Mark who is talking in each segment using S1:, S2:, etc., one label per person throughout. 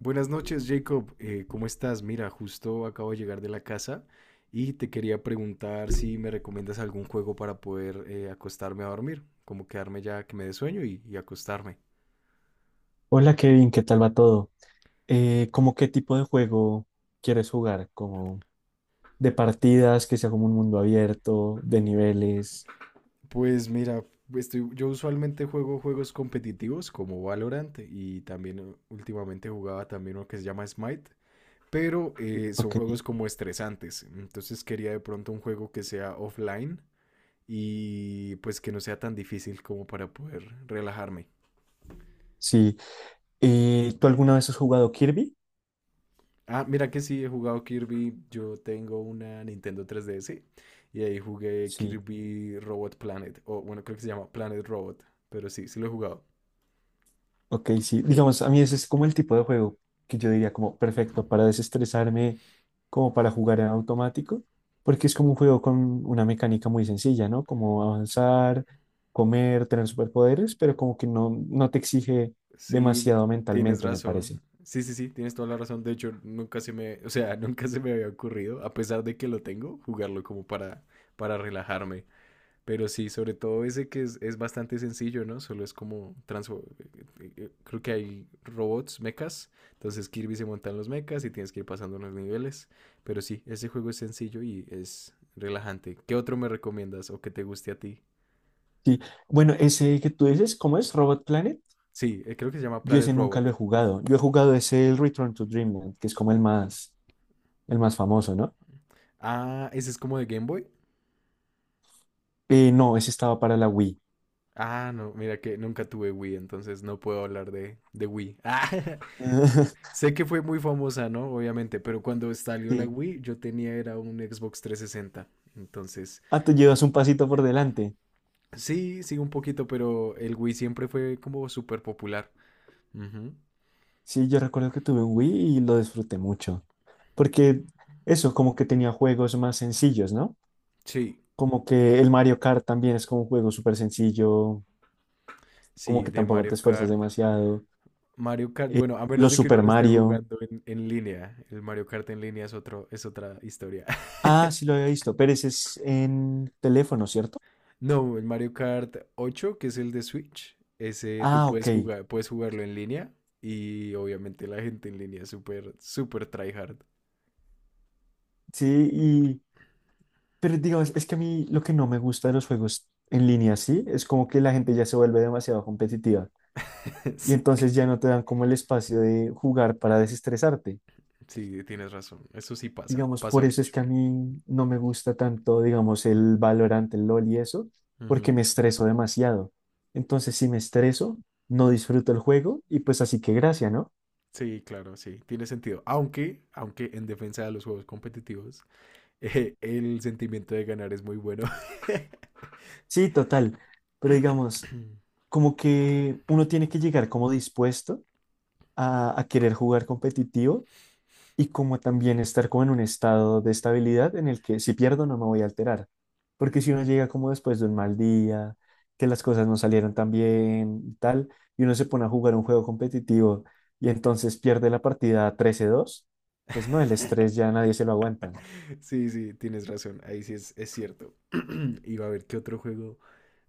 S1: Buenas noches, Jacob. ¿Cómo estás? Mira, justo acabo de llegar de la casa y te quería preguntar si me recomiendas algún juego para poder acostarme a dormir, como quedarme ya que me dé sueño y acostarme.
S2: Hola Kevin, ¿qué tal va todo? ¿Cómo qué tipo de juego quieres jugar? ¿Como de partidas, que sea como un mundo abierto, de niveles?
S1: Pues mira, yo usualmente juego juegos competitivos como Valorant y también últimamente jugaba también uno que se llama Smite, pero son
S2: Ok,
S1: juegos como estresantes. Entonces quería de pronto un juego que sea offline y pues que no sea tan difícil como para poder relajarme.
S2: sí. ¿Tú alguna vez has jugado Kirby?
S1: Ah, mira que sí, he jugado Kirby. Yo tengo una Nintendo 3DS y ahí jugué
S2: Sí.
S1: Kirby Robot Planet. O bueno, creo que se llama Planet Robot. Pero sí, sí lo he jugado.
S2: Ok, sí, digamos, a mí ese es como el tipo de juego que yo diría como perfecto para desestresarme, como para jugar en automático, porque es como un juego con una mecánica muy sencilla, ¿no? Como avanzar, comer, tener superpoderes, pero como que no te exige
S1: Sí,
S2: demasiado
S1: tienes
S2: mentalmente, me parece.
S1: razón. Sí, sí, sí, tienes toda la razón. De hecho, nunca se me, o sea, nunca se me había ocurrido, a pesar de que lo tengo, jugarlo como para relajarme. Pero sí, sobre todo ese que es bastante sencillo, ¿no? Solo es como Creo que hay robots, mechas. Entonces Kirby se montan los mechas y tienes que ir pasando los niveles. Pero sí, ese juego es sencillo y es relajante. ¿Qué otro me recomiendas o que te guste a ti?
S2: Sí, bueno, ese que tú dices, ¿cómo es? Robot Planet,
S1: Sí, creo que se llama
S2: yo
S1: Planet
S2: ese nunca
S1: Robot.
S2: lo he jugado. Yo he jugado ese el Return to Dreamland, que es como el más famoso, ¿no?
S1: Ah, ese es como de Game Boy.
S2: No, ese estaba para la Wii.
S1: Ah, no, mira que nunca tuve Wii, entonces no puedo hablar de Wii. Sé que fue muy famosa, ¿no? Obviamente, pero cuando salió la
S2: Sí.
S1: Wii, yo tenía era un Xbox 360. Entonces,
S2: Ah, tú llevas un pasito por delante.
S1: sí, sí, un poquito, pero el Wii siempre fue como súper popular. Ujú.
S2: Sí, yo recuerdo que tuve un Wii y lo disfruté mucho. Porque eso, como que tenía juegos más sencillos, ¿no?
S1: Sí,
S2: Como que el Mario Kart también es como un juego súper sencillo, como
S1: sí,
S2: que
S1: de
S2: tampoco te
S1: Mario
S2: esfuerzas
S1: Kart.
S2: demasiado.
S1: Mario Kart,
S2: Eh,
S1: bueno, a menos
S2: los
S1: de que uno
S2: Super
S1: lo esté
S2: Mario.
S1: jugando en línea. El Mario Kart en línea es es otra historia.
S2: Ah, sí lo había visto, pero ese es en teléfono, ¿cierto?
S1: No, el Mario Kart 8, que es el de Switch, ese tú
S2: Ah, ok.
S1: puedes jugar, puedes jugarlo en línea. Y obviamente la gente en línea es súper, súper tryhard.
S2: Sí, y... Pero digamos, es que a mí lo que no me gusta de los juegos en línea, sí, es como que la gente ya se vuelve demasiado competitiva, y
S1: Sí.
S2: entonces ya no te dan como el espacio de jugar para desestresarte.
S1: Sí, tienes razón. Eso sí pasa,
S2: Digamos,
S1: pasa
S2: por eso es
S1: mucho.
S2: que a mí no me gusta tanto, digamos, el Valorant, el LoL y eso, porque
S1: Ujú.
S2: me estreso demasiado. Entonces, si me estreso, no disfruto el juego y pues así que gracia, ¿no?
S1: Sí, claro, sí, tiene sentido. Aunque en defensa de los juegos competitivos, el sentimiento de ganar es muy bueno.
S2: Sí, total. Pero digamos, como que uno tiene que llegar como dispuesto a querer jugar competitivo y como también estar como en un estado de estabilidad en el que si pierdo no me voy a alterar. Porque si uno llega como después de un mal día, que las cosas no salieron tan bien y tal, y uno se pone a jugar un juego competitivo y entonces pierde la partida 13-2, pues no, el estrés ya nadie se lo aguanta.
S1: Sí, sí, tienes razón. Ahí sí es cierto. Iba a ver qué otro juego,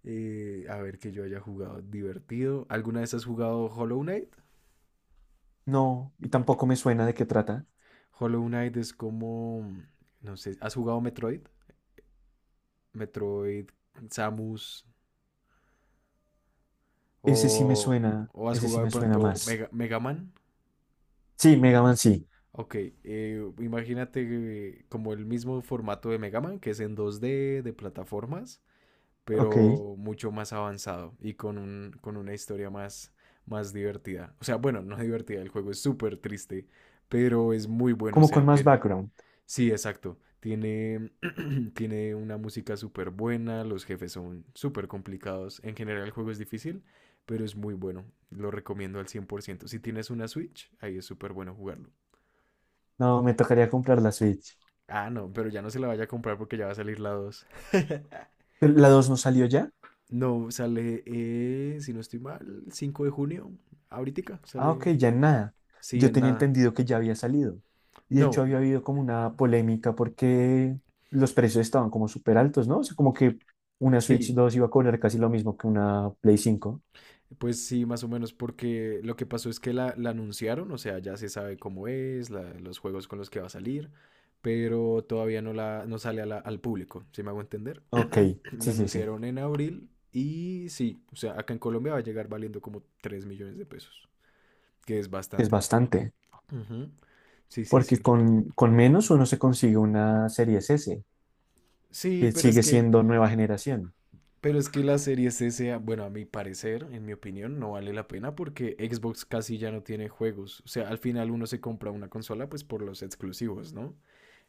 S1: a ver que yo haya jugado divertido. ¿Alguna vez has jugado Hollow Knight?
S2: No, y tampoco me suena de qué trata.
S1: Hollow Knight es como, no sé, ¿has jugado Metroid? Metroid, Samus, O,
S2: Ese sí me suena,
S1: o has
S2: ese sí
S1: jugado de
S2: me
S1: pronto
S2: suena más.
S1: Mega Man.
S2: Sí, Mega Man sí.
S1: Ok, imagínate como el mismo formato de Mega Man, que es en dos d de plataformas,
S2: Ok,
S1: pero mucho más avanzado y con con una historia más, más divertida. O sea, bueno, no divertida, el juego es súper triste, pero es muy bueno, o
S2: como
S1: sea,
S2: con más
S1: tiene...
S2: background.
S1: Sí, exacto. Tiene, tiene una música súper buena, los jefes son súper complicados. En general el juego es difícil, pero es muy bueno. Lo recomiendo al 100%. Si tienes una Switch, ahí es súper bueno jugarlo.
S2: No, me tocaría comprar la Switch.
S1: Ah, no, pero ya no se la vaya a comprar porque ya va a salir la 2.
S2: ¿Pero la 2 no salió ya?
S1: No, sale, si no estoy mal, 5 de junio. Ahorita
S2: Ah, ok,
S1: sale.
S2: ya en nada.
S1: Sí,
S2: Yo
S1: en
S2: tenía
S1: nada.
S2: entendido que ya había salido. Y de hecho
S1: No,
S2: había habido como una polémica porque los precios estaban como súper altos, ¿no? O sea, como que una Switch
S1: sí.
S2: 2 iba a cobrar casi lo mismo que una Play cinco.
S1: Pues sí, más o menos, porque lo que pasó es que la anunciaron, o sea, ya se sabe cómo es, los juegos con los que va a salir, pero todavía no, no sale a al público, si me hago entender.
S2: Ok,
S1: La
S2: sí, sí, sí.
S1: anunciaron en abril y sí, o sea, acá en Colombia va a llegar valiendo como 3 millones de pesos, que es
S2: Es
S1: bastante.
S2: bastante.
S1: Ujú. Sí, sí,
S2: Porque
S1: sí.
S2: con menos uno se consigue una Series S,
S1: Sí,
S2: que
S1: pero es
S2: sigue
S1: que,
S2: siendo nueva generación.
S1: pero es que la Series S, bueno, a mi parecer, en mi opinión, no vale la pena porque Xbox casi ya no tiene juegos. O sea, al final uno se compra una consola pues por los exclusivos, ¿no?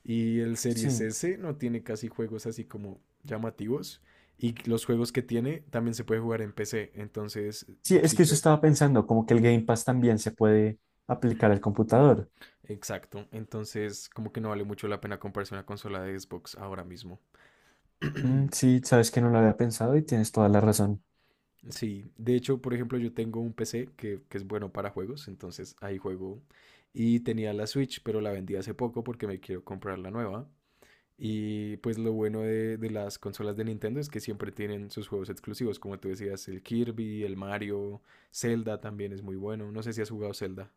S1: Y el Series
S2: Sí.
S1: S no tiene casi juegos así como llamativos. Y los juegos que tiene también se puede jugar en PC. Entonces,
S2: Sí, es
S1: si
S2: que
S1: yo...
S2: yo estaba pensando, como que el
S1: Ujú.
S2: Game Pass también se puede aplicar al computador.
S1: Exacto. Entonces, como que no vale mucho la pena comprarse una consola de Xbox ahora mismo.
S2: Mm, sí, sabes que no lo había pensado y tienes toda la razón.
S1: Sí, de hecho, por ejemplo, yo tengo un PC que es bueno para juegos, entonces ahí juego. Y tenía la Switch, pero la vendí hace poco porque me quiero comprar la nueva. Y pues lo bueno de las consolas de Nintendo es que siempre tienen sus juegos exclusivos, como tú decías, el Kirby, el Mario, Zelda también es muy bueno. No sé si has jugado Zelda.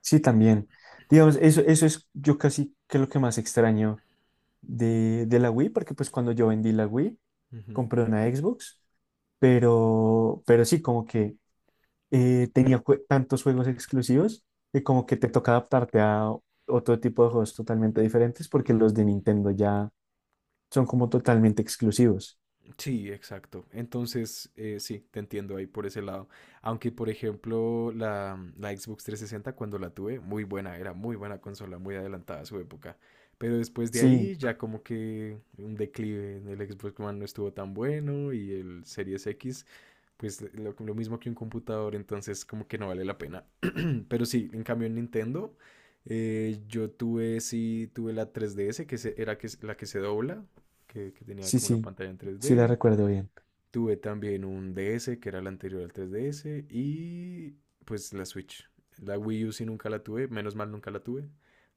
S2: Sí, también. Digamos, eso es yo casi que lo que más extraño de la Wii, porque pues cuando yo vendí la Wii,
S1: Ujú.
S2: compré una Xbox, pero sí, como que tenía tantos juegos exclusivos que como que te toca adaptarte a otro tipo de juegos totalmente diferentes, porque los de Nintendo ya son como totalmente exclusivos.
S1: Sí, exacto. Entonces, sí, te entiendo ahí por ese lado. Aunque, por ejemplo, la Xbox 360 cuando la tuve, muy buena, era muy buena consola, muy adelantada a su época. Pero después de
S2: Sí,
S1: ahí ya como que un declive, el Xbox One no estuvo tan bueno y el Series X, pues lo mismo que un computador, entonces como que no vale la pena. Pero sí, en cambio en Nintendo, yo tuve, sí, tuve la 3DS, que era la que se dobla, que tenía
S2: sí,
S1: como la
S2: sí,
S1: pantalla en tres
S2: sí la
S1: d.
S2: recuerdo bien.
S1: Tuve también un DS, que era el anterior al 3DS, y pues la Switch. La Wii U sí nunca la tuve, menos mal nunca la tuve,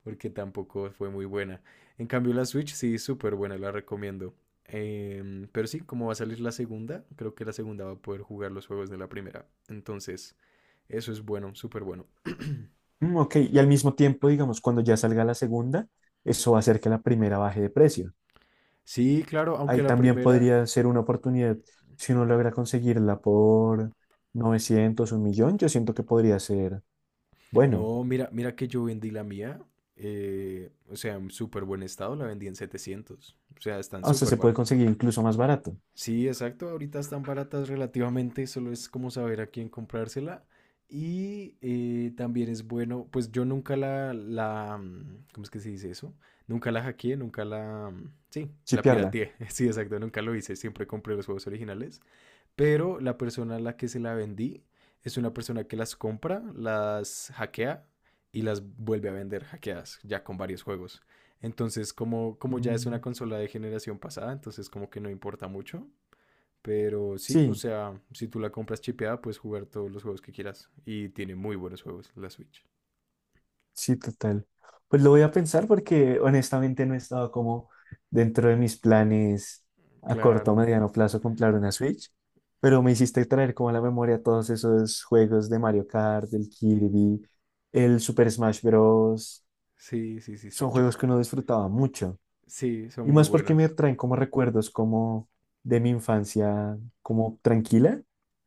S1: porque tampoco fue muy buena. En cambio la Switch sí, súper buena, la recomiendo. Pero sí, como va a salir la segunda, creo que la segunda va a poder jugar los juegos de la primera. Entonces, eso es bueno, súper bueno.
S2: Mm, ok, y al mismo tiempo, digamos, cuando ya salga la segunda, eso va a hacer que la primera baje de precio.
S1: Sí, claro,
S2: Ahí
S1: aunque la
S2: también
S1: primera...
S2: podría ser una oportunidad si uno logra conseguirla por 900 un millón, yo siento que podría ser bueno.
S1: No, mira, mira que yo vendí la mía. O sea, en súper buen estado, la vendí en 700. O sea, están
S2: O sea,
S1: súper.
S2: se puede conseguir incluso más barato,
S1: Sí, exacto. Ahorita están baratas relativamente, solo es como saber a quién comprársela. Y también es bueno, pues yo nunca ¿cómo es que se dice eso? Nunca la hackeé, nunca la, mm, sí, la
S2: chipearla.
S1: pirateé. Sí, exacto, nunca lo hice, siempre compré los juegos originales. Pero la persona a la que se la vendí es una persona que las compra, las hackea y las vuelve a vender hackeadas, ya con varios juegos. Entonces, como ya es una
S2: Mm,
S1: consola de generación pasada, entonces como que no importa mucho. Pero sí, o
S2: sí,
S1: sea, si tú la compras chipeada, puedes jugar todos los juegos que quieras. Y tiene muy buenos juegos la Switch.
S2: sí, total. Pues lo voy a pensar porque honestamente no he estado como dentro de mis planes a corto o
S1: Claro.
S2: mediano plazo comprar una Switch, pero me hiciste traer como a la memoria todos esos juegos de Mario Kart, del Kirby, el Super Smash Bros.
S1: Sí, sí, sí, sí.
S2: Son
S1: Yo,
S2: juegos que uno disfrutaba mucho.
S1: sí, son
S2: Y
S1: muy
S2: más porque me
S1: buenos.
S2: traen como recuerdos como de mi infancia, como tranquila,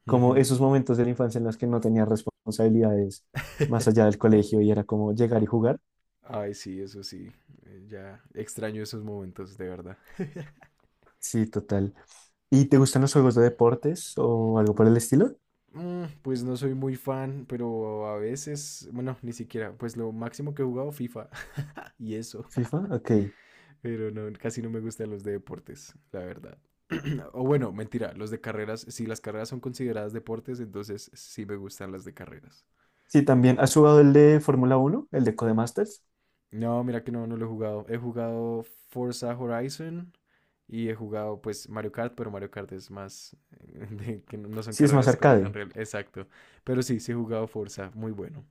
S2: como
S1: Ujú.
S2: esos momentos de la infancia en los que no tenía responsabilidades más allá del colegio y era como llegar y jugar.
S1: Ay, sí, eso sí. Ya extraño esos momentos, de verdad.
S2: Sí, total. ¿Y te gustan los juegos de deportes o algo por el estilo?
S1: Mm, pues no soy muy fan, pero a veces, bueno, ni siquiera. Pues lo máximo que he jugado FIFA y eso.
S2: FIFA, ok.
S1: Pero no, casi no me gustan los de deportes, la verdad. O bueno, mentira, los de carreras, si las carreras son consideradas deportes, entonces sí me gustan las de carreras.
S2: Sí, también. ¿Has jugado el de Fórmula 1, el de Codemasters?
S1: No, mira que no, no lo he jugado. He jugado Forza Horizon y he jugado pues Mario Kart, pero Mario Kart es más de que no no son
S2: Sí, es más
S1: carreras como tan
S2: arcade.
S1: real. Exacto. Pero sí, sí he jugado Forza, muy bueno.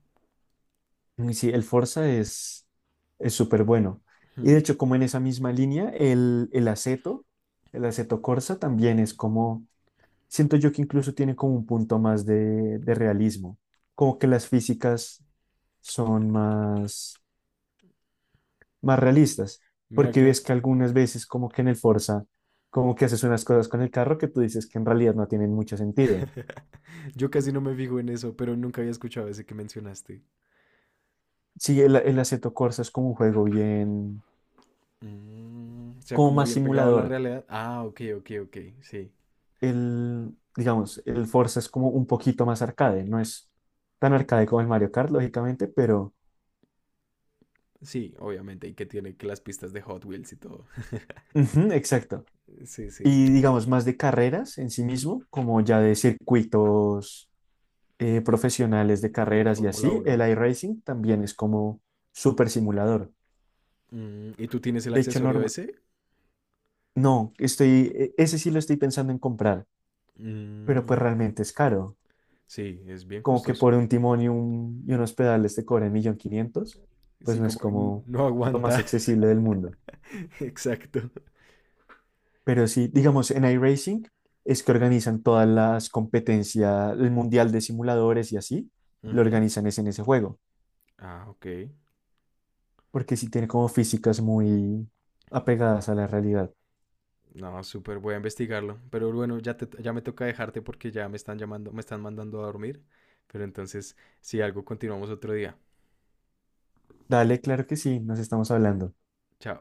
S2: Uy, sí, el Forza es súper bueno. Y de
S1: Hmm.
S2: hecho, como en esa misma línea, el Aceto Corsa también es como, siento yo que incluso tiene como un punto más de realismo, como que las físicas son más, más realistas,
S1: Mira
S2: porque
S1: que
S2: ves que algunas veces como que en el Forza, como que haces unas cosas con el carro que tú dices que en realidad no tienen mucho sentido.
S1: yo casi no me fijo en eso, pero nunca había escuchado ese que mencionaste.
S2: Sí, el Assetto Corsa es como un juego bien,
S1: Mm, o sea,
S2: como
S1: como
S2: más
S1: bien pegado a la
S2: simulador,
S1: realidad. Ah, ok, ok, ok. Sí,
S2: el, digamos, el Forza es como un poquito más arcade, no es tan arcade como el Mario Kart, lógicamente, pero
S1: sí, obviamente. Y que tiene que las pistas de Hot Wheels y todo.
S2: ujú, exacto.
S1: Sí, sí,
S2: Y digamos, más de carreras en sí mismo, como ya de circuitos profesionales de
S1: el del
S2: carreras y
S1: Fórmula
S2: así, el
S1: Uno.
S2: iRacing también es como súper simulador.
S1: Mm, ¿y tú tienes el
S2: De hecho,
S1: accesorio ese?
S2: no, ese sí lo estoy pensando en comprar, pero
S1: Mm,
S2: pues realmente es caro.
S1: sí, es bien
S2: Como que
S1: costoso.
S2: por un timón y, y unos pedales te cobran 1.500.000, pues
S1: Sí,
S2: no es
S1: como que n-
S2: como
S1: no
S2: lo más
S1: aguanta.
S2: accesible del mundo.
S1: Exacto.
S2: Pero sí, digamos, en iRacing es que organizan todas las competencias, el mundial de simuladores y así, lo
S1: Ujú.
S2: organizan es en ese juego,
S1: Ah, ok.
S2: porque sí tiene como físicas muy apegadas a la realidad.
S1: No, súper, voy a investigarlo. Pero bueno, ya, ya me toca dejarte porque ya me están llamando, me están mandando a dormir. Pero entonces, si algo, continuamos otro día.
S2: Dale, claro que sí, nos estamos hablando.
S1: Chao.